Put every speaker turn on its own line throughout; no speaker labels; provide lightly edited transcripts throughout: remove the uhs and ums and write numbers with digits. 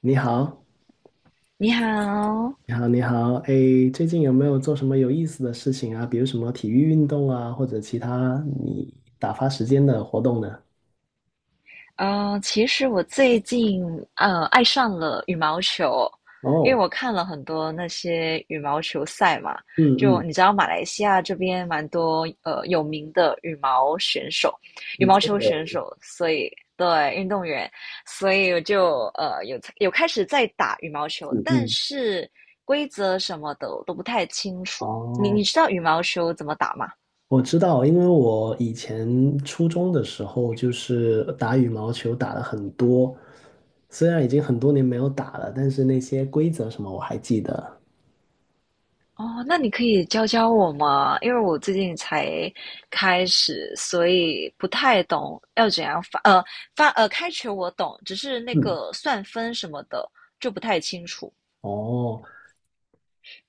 你好，
你好，
你好，你好，哎，最近有没有做什么有意思的事情啊？比如什么体育运动啊，或者其他你打发时间的活动呢？
其实我最近爱上了羽毛球，因
哦，
为我看了很多那些羽毛球赛嘛，
嗯
就
嗯，
你知道马来西亚这边蛮多有名的羽
你
毛
做
球选
的，
手，所以对运动员，所以我就有开始在打羽毛球，
嗯
但
嗯，
是规则什么的我都不太清楚。你
哦，
你知道羽毛球怎么打吗？
我知道，因为我以前初中的时候就是打羽毛球打了很多，虽然已经很多年没有打了，但是那些规则什么我还记得。
哦，那你可以教教我吗？因为我最近才开始，所以不太懂要怎样发，开球我懂，只是那
嗯，
个算分什么的就不太清楚。
哦，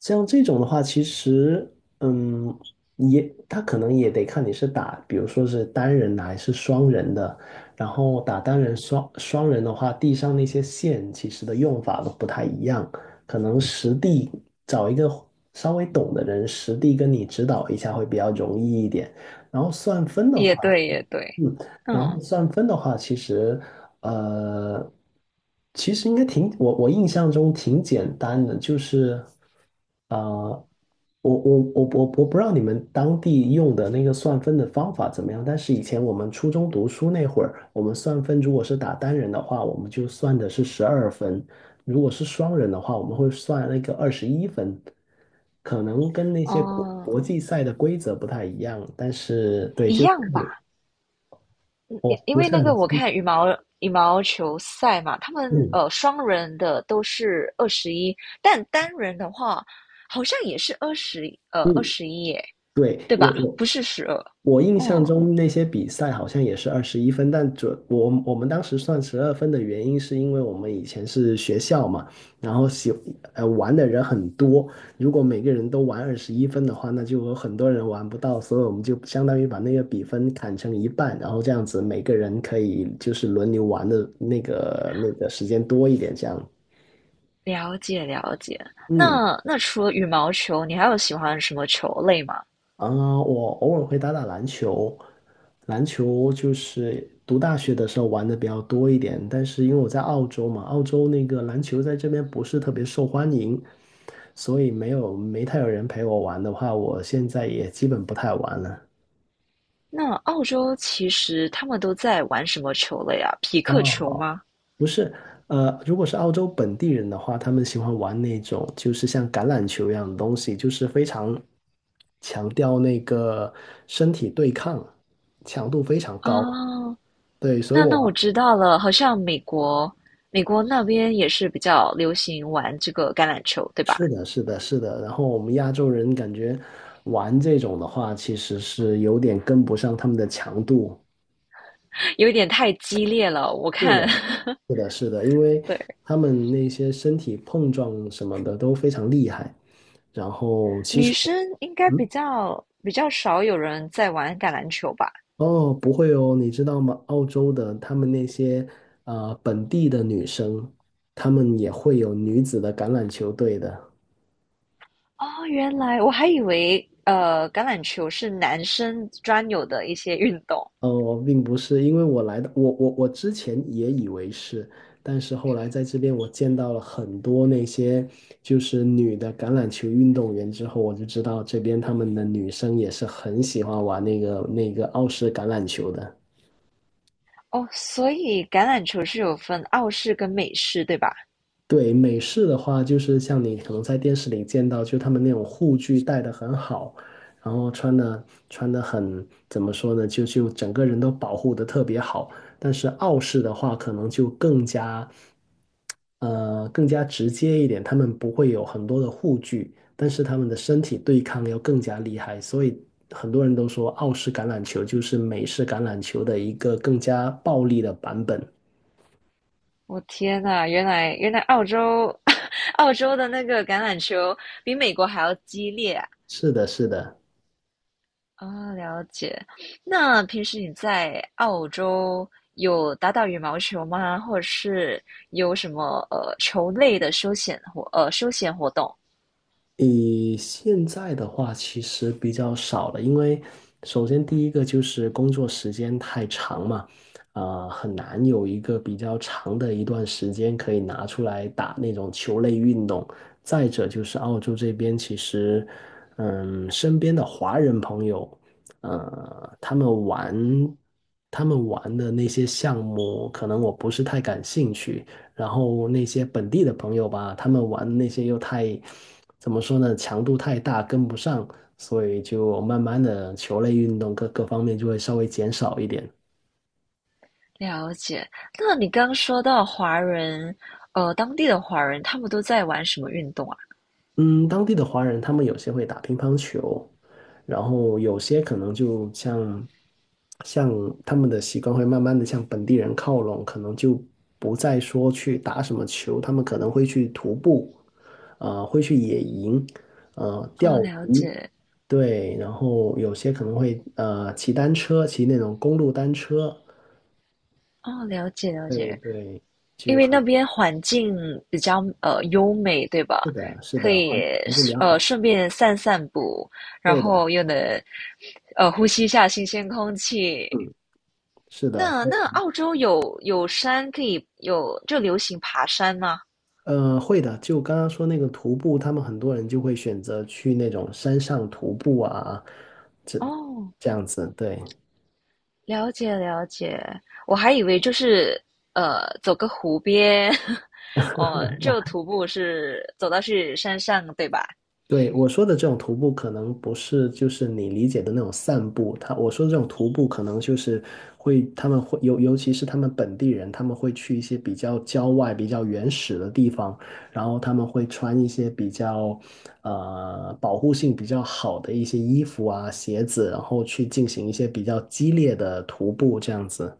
像这种的话，其实，嗯，也他可能也得看你是打，比如说是单人的还是双人的。然后打单人双人的话，地上那些线其实的用法都不太一样，可能实地找一个稍微懂的人实地跟你指导一下会比较容易一点。然后算分的
也
话，
对，也对，
嗯，然后
嗯，
算分的话，其实，呃，其实应该挺，我印象中挺简单的，就是，呃，我不知道你们当地用的那个算分的方法怎么样，但是以前我们初中读书那会儿，我们算分如果是打单人的话，我们就算的是十二分；如果是双人的话，我们会算那个二十一分。可能跟那些国
哦，
国际赛的规则不太一样，但是对，
一
就是
样
看
吧，
你。
嗯
我
因因
不
为
是
那
很
个我
清
看羽毛球赛嘛，他们
嗯
双人的都是二十一，但单人的话好像也是二十，二
嗯，
十一耶，
对，
对
我
吧？
我
不是12，
我印象
嗯。
中那些比赛好像也是二十一分，但我们当时算十二分的原因是因为我们以前是学校嘛，然后玩的人很多，如果每个人都玩二十一分的话，那就有很多人玩不到，所以我们就相当于把那个比分砍成一半，然后这样子每个人可以就是轮流玩的那个时间多一点，这样。
了解了解。
嗯
那除了羽毛球，你还有喜欢什么球类吗？
啊，我偶尔会打打篮球，篮球就是读大学的时候玩的比较多一点，但是因为我在澳洲嘛，澳洲那个篮球在这边不是特别受欢迎，所以没有没太有人陪我玩的话，我现在也基本不太玩了。
那澳洲其实他们都在玩什么球类啊？匹克球
哦，
吗？
不是，如果是澳洲本地人的话，他们喜欢玩那种就是像橄榄球一样的东西，就是非常强调那个身体对抗，强度非常高。
哦，
对，所以
那我
我
知道了，好像美国那边也是比较流行玩这个橄榄球，对吧？
是的，是的，是的。然后我们亚洲人感觉玩这种的话，其实是有点跟不上他们的强度。
有点太激烈了，我
是
看，
的，是的，是的，因为
对，
他们那些身体碰撞什么的都非常厉害。然后其
女
实我
生应该比
嗯，
较比较少有人在玩橄榄球吧？
哦，不会哦，你知道吗？澳洲的他们那些本地的女生，她们也会有女子的橄榄球队的。
哦，原来我还以为橄榄球是男生专有的一些运动
我并不是，因为我来的，我我我之前也以为是，但是后来在这边我见到了很多那些就是女的橄榄球运动员之后，我就知道这边他们的女生也是很喜欢玩那个澳式橄榄球的。
哦，所以橄榄球是有分澳式跟美式，对吧？
对，美式的话，就是像你可能在电视里见到，就他们那种护具戴的很好，然后穿的很，怎么说呢，就整个人都保护的特别好。但是澳式的话，可能就更加，更加直接一点，他们不会有很多的护具，但是他们的身体对抗要更加厉害，所以很多人都说澳式橄榄球就是美式橄榄球的一个更加暴力的版本。
我天呐，原来澳洲 澳洲的那个橄榄球比美国还要激烈啊！
是的，是的。
哦了解。那平时你在澳洲有打打羽毛球吗？或者是有什么球类的休闲活动？
以现在的话，其实比较少了，因为首先第一个就是工作时间太长嘛，啊、很难有一个比较长的一段时间可以拿出来打那种球类运动。再者就是澳洲这边，其实，嗯，身边的华人朋友，呃，他们玩他们玩的那些项目，可能我不是太感兴趣。然后那些本地的朋友吧，他们玩那些又太，怎么说呢，强度太大，跟不上，所以就慢慢的球类运动各方面就会稍微减少一点。
了解。那你刚刚说到华人，当地的华人他们都在玩什么运动啊？
嗯，当地的华人他们有些会打乒乓球，然后有些可能就像他们的习惯会慢慢的向本地人靠拢，可能就不再说去打什么球，他们可能会去徒步，会去野营，
哦，
钓
了
鱼，
解，
对，然后有些可能会骑单车，骑那种公路单车，
哦，了解，了
对
解。
对，
因
就
为那
很
边环境比较优美，对吧？
是的，是
可
的，
以
环境比较好，
顺便散散步，然
对的，
后又能呼吸一下新鲜空气。
嗯，是的。
那澳洲有山可以有就流行爬山吗？
会的。就刚刚说那个徒步，他们很多人就会选择去那种山上徒步啊，这
哦
这样子。对，
了解了解，我还以为就是走个湖边，哦，就徒步是走到去山上，对吧？
对，我说的这种徒步，可能不是就是你理解的那种散步。我说的这种徒步，可能就是他们会尤其是他们本地人，他们会去一些比较郊外、比较原始的地方，然后他们会穿一些比较保护性比较好的一些衣服啊、鞋子，然后去进行一些比较激烈的徒步，这样子。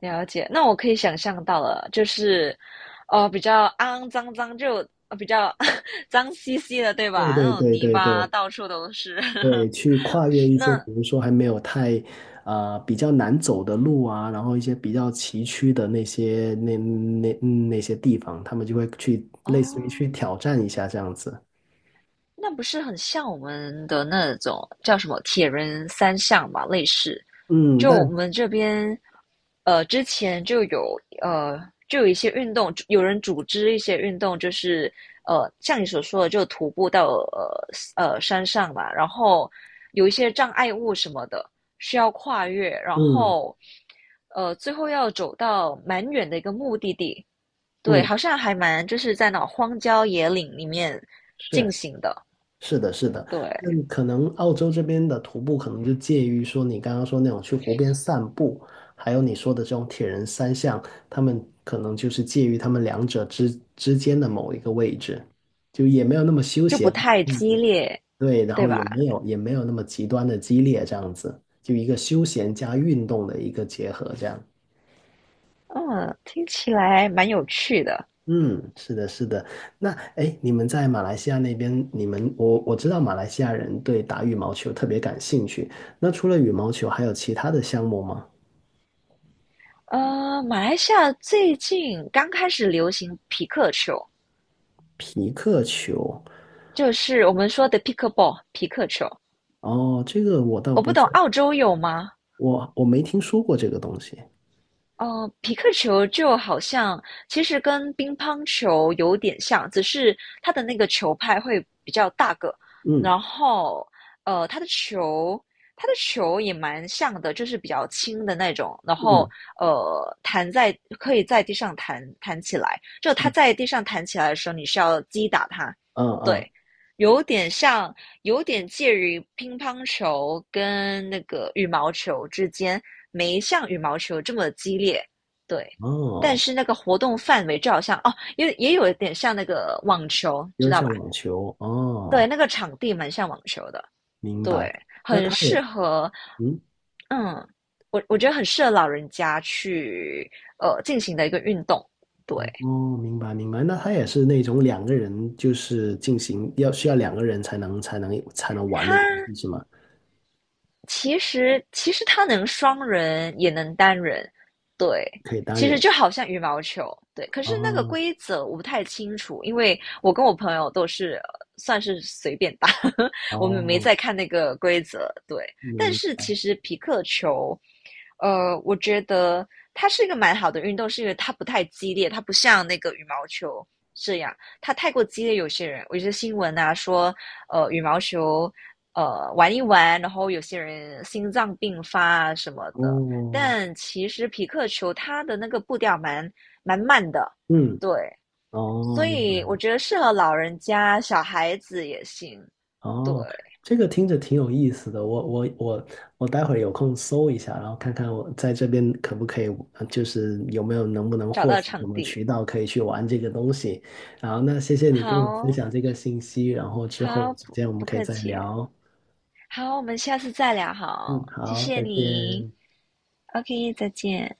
了解，那我可以想象到了，就是哦比较肮脏脏，就比较 脏兮兮的，对
对
吧？那
对
种
对
泥
对
巴
对。
到处都是。
对，去跨越一些，比
那
如说还没有太，比较难走的路啊，然后一些比较崎岖的那些那些地方，他们就会去类似于去
哦，
挑战一下这样子。
那不是很像我们的那种叫什么铁人三项嘛，类似。
嗯，
就我们这边，之前就有一些运动，有人组织一些运动，就是像你所说的，就徒步到山上嘛，然后有一些障碍物什么的需要跨越，然
嗯
后最后要走到蛮远的一个目的地。对，
嗯，
好像还蛮就是在那种荒郊野岭里面进
是
行的。
是的，是的，
对，
那可能澳洲这边的徒步可能就介于说你刚刚说那种去湖边散步，还有你说的这种铁人三项，他们可能就是介于他们两者之间的某一个位置，就也没有那么休
就不
闲。
太
嗯
激烈，
对，然
对
后也
吧？
没有也没有那么极端的激烈，这样子，就一个休闲加运动的一个结合，这样。
嗯，听起来蛮有趣的。
嗯，是的，是的。那哎，诶你们在马来西亚那边，你们我我知道马来西亚人对打羽毛球特别感兴趣。那除了羽毛球，还有其他的项目吗？
马来西亚最近刚开始流行皮克球，
皮克球，
就是我们说的 Picklball 皮克球。
哦，这个我倒
我不
不
懂
是，
澳洲有吗？
我没听说过这个东西。
哦，皮克球就好像其实跟乒乓球有点像，只是它的那个球拍会比较大个，
嗯
然后呃，它的球它的球也蛮像的，就是比较轻的那种，然后
嗯
呃，弹在可以在地上弹弹起来，就它
嗯
在地上弹起来的时候，你是要击打它，
嗯嗯，
对，有点像有点介于乒乓球跟那个羽毛球之间，没像羽毛球这么激烈，对。但
哦，
是那个活动范围就好像哦，也有一点像那个网球，
有
知
点
道吧？
像网球，
对，
哦，
那个场地蛮像网球的，
明
对，
白。那
很
它
适
也。
合，
嗯。
嗯，我觉得很适合老人家去进行的一个运动。对，
哦，明白明白，那它也是那种两个人就是进行要需要两个人才能玩的游
它
戏是吗？
其实它能双人也能单人，对，
可以单
其实
人
就好像羽毛球，对。可是那个
哦
规则我不太清楚，因为我跟我朋友都是算是随便打，我们没
哦，
在看那个规则，对。但
嗯，
是其实皮克球，我觉得它是一个蛮好的运动，是因为它不太激烈，它不像那个羽毛球这样，它太过激烈，有些人，我觉得新闻啊说，羽毛球玩一玩，然后有些人心脏病发啊什么的。
哦，
但其实匹克球它的那个步调蛮慢的，
嗯，
对，
哦，
所
明白，
以我觉得适合老人家、小孩子也行。对，
哦，这个听着挺有意思的，我待会儿有空搜一下，然后看看我在这边可不可以，就是有没有能不能
找
获
到
取什
场
么
地，
渠道可以去玩这个东西。然后那谢谢你跟我分
好，
享这个信息，然后之后
好
有时
不
间我们
不
可以
客
再
气，
聊。
好，我们下次再聊，
嗯，
好，谢
好，
谢
再
你
见。
，OK,再见。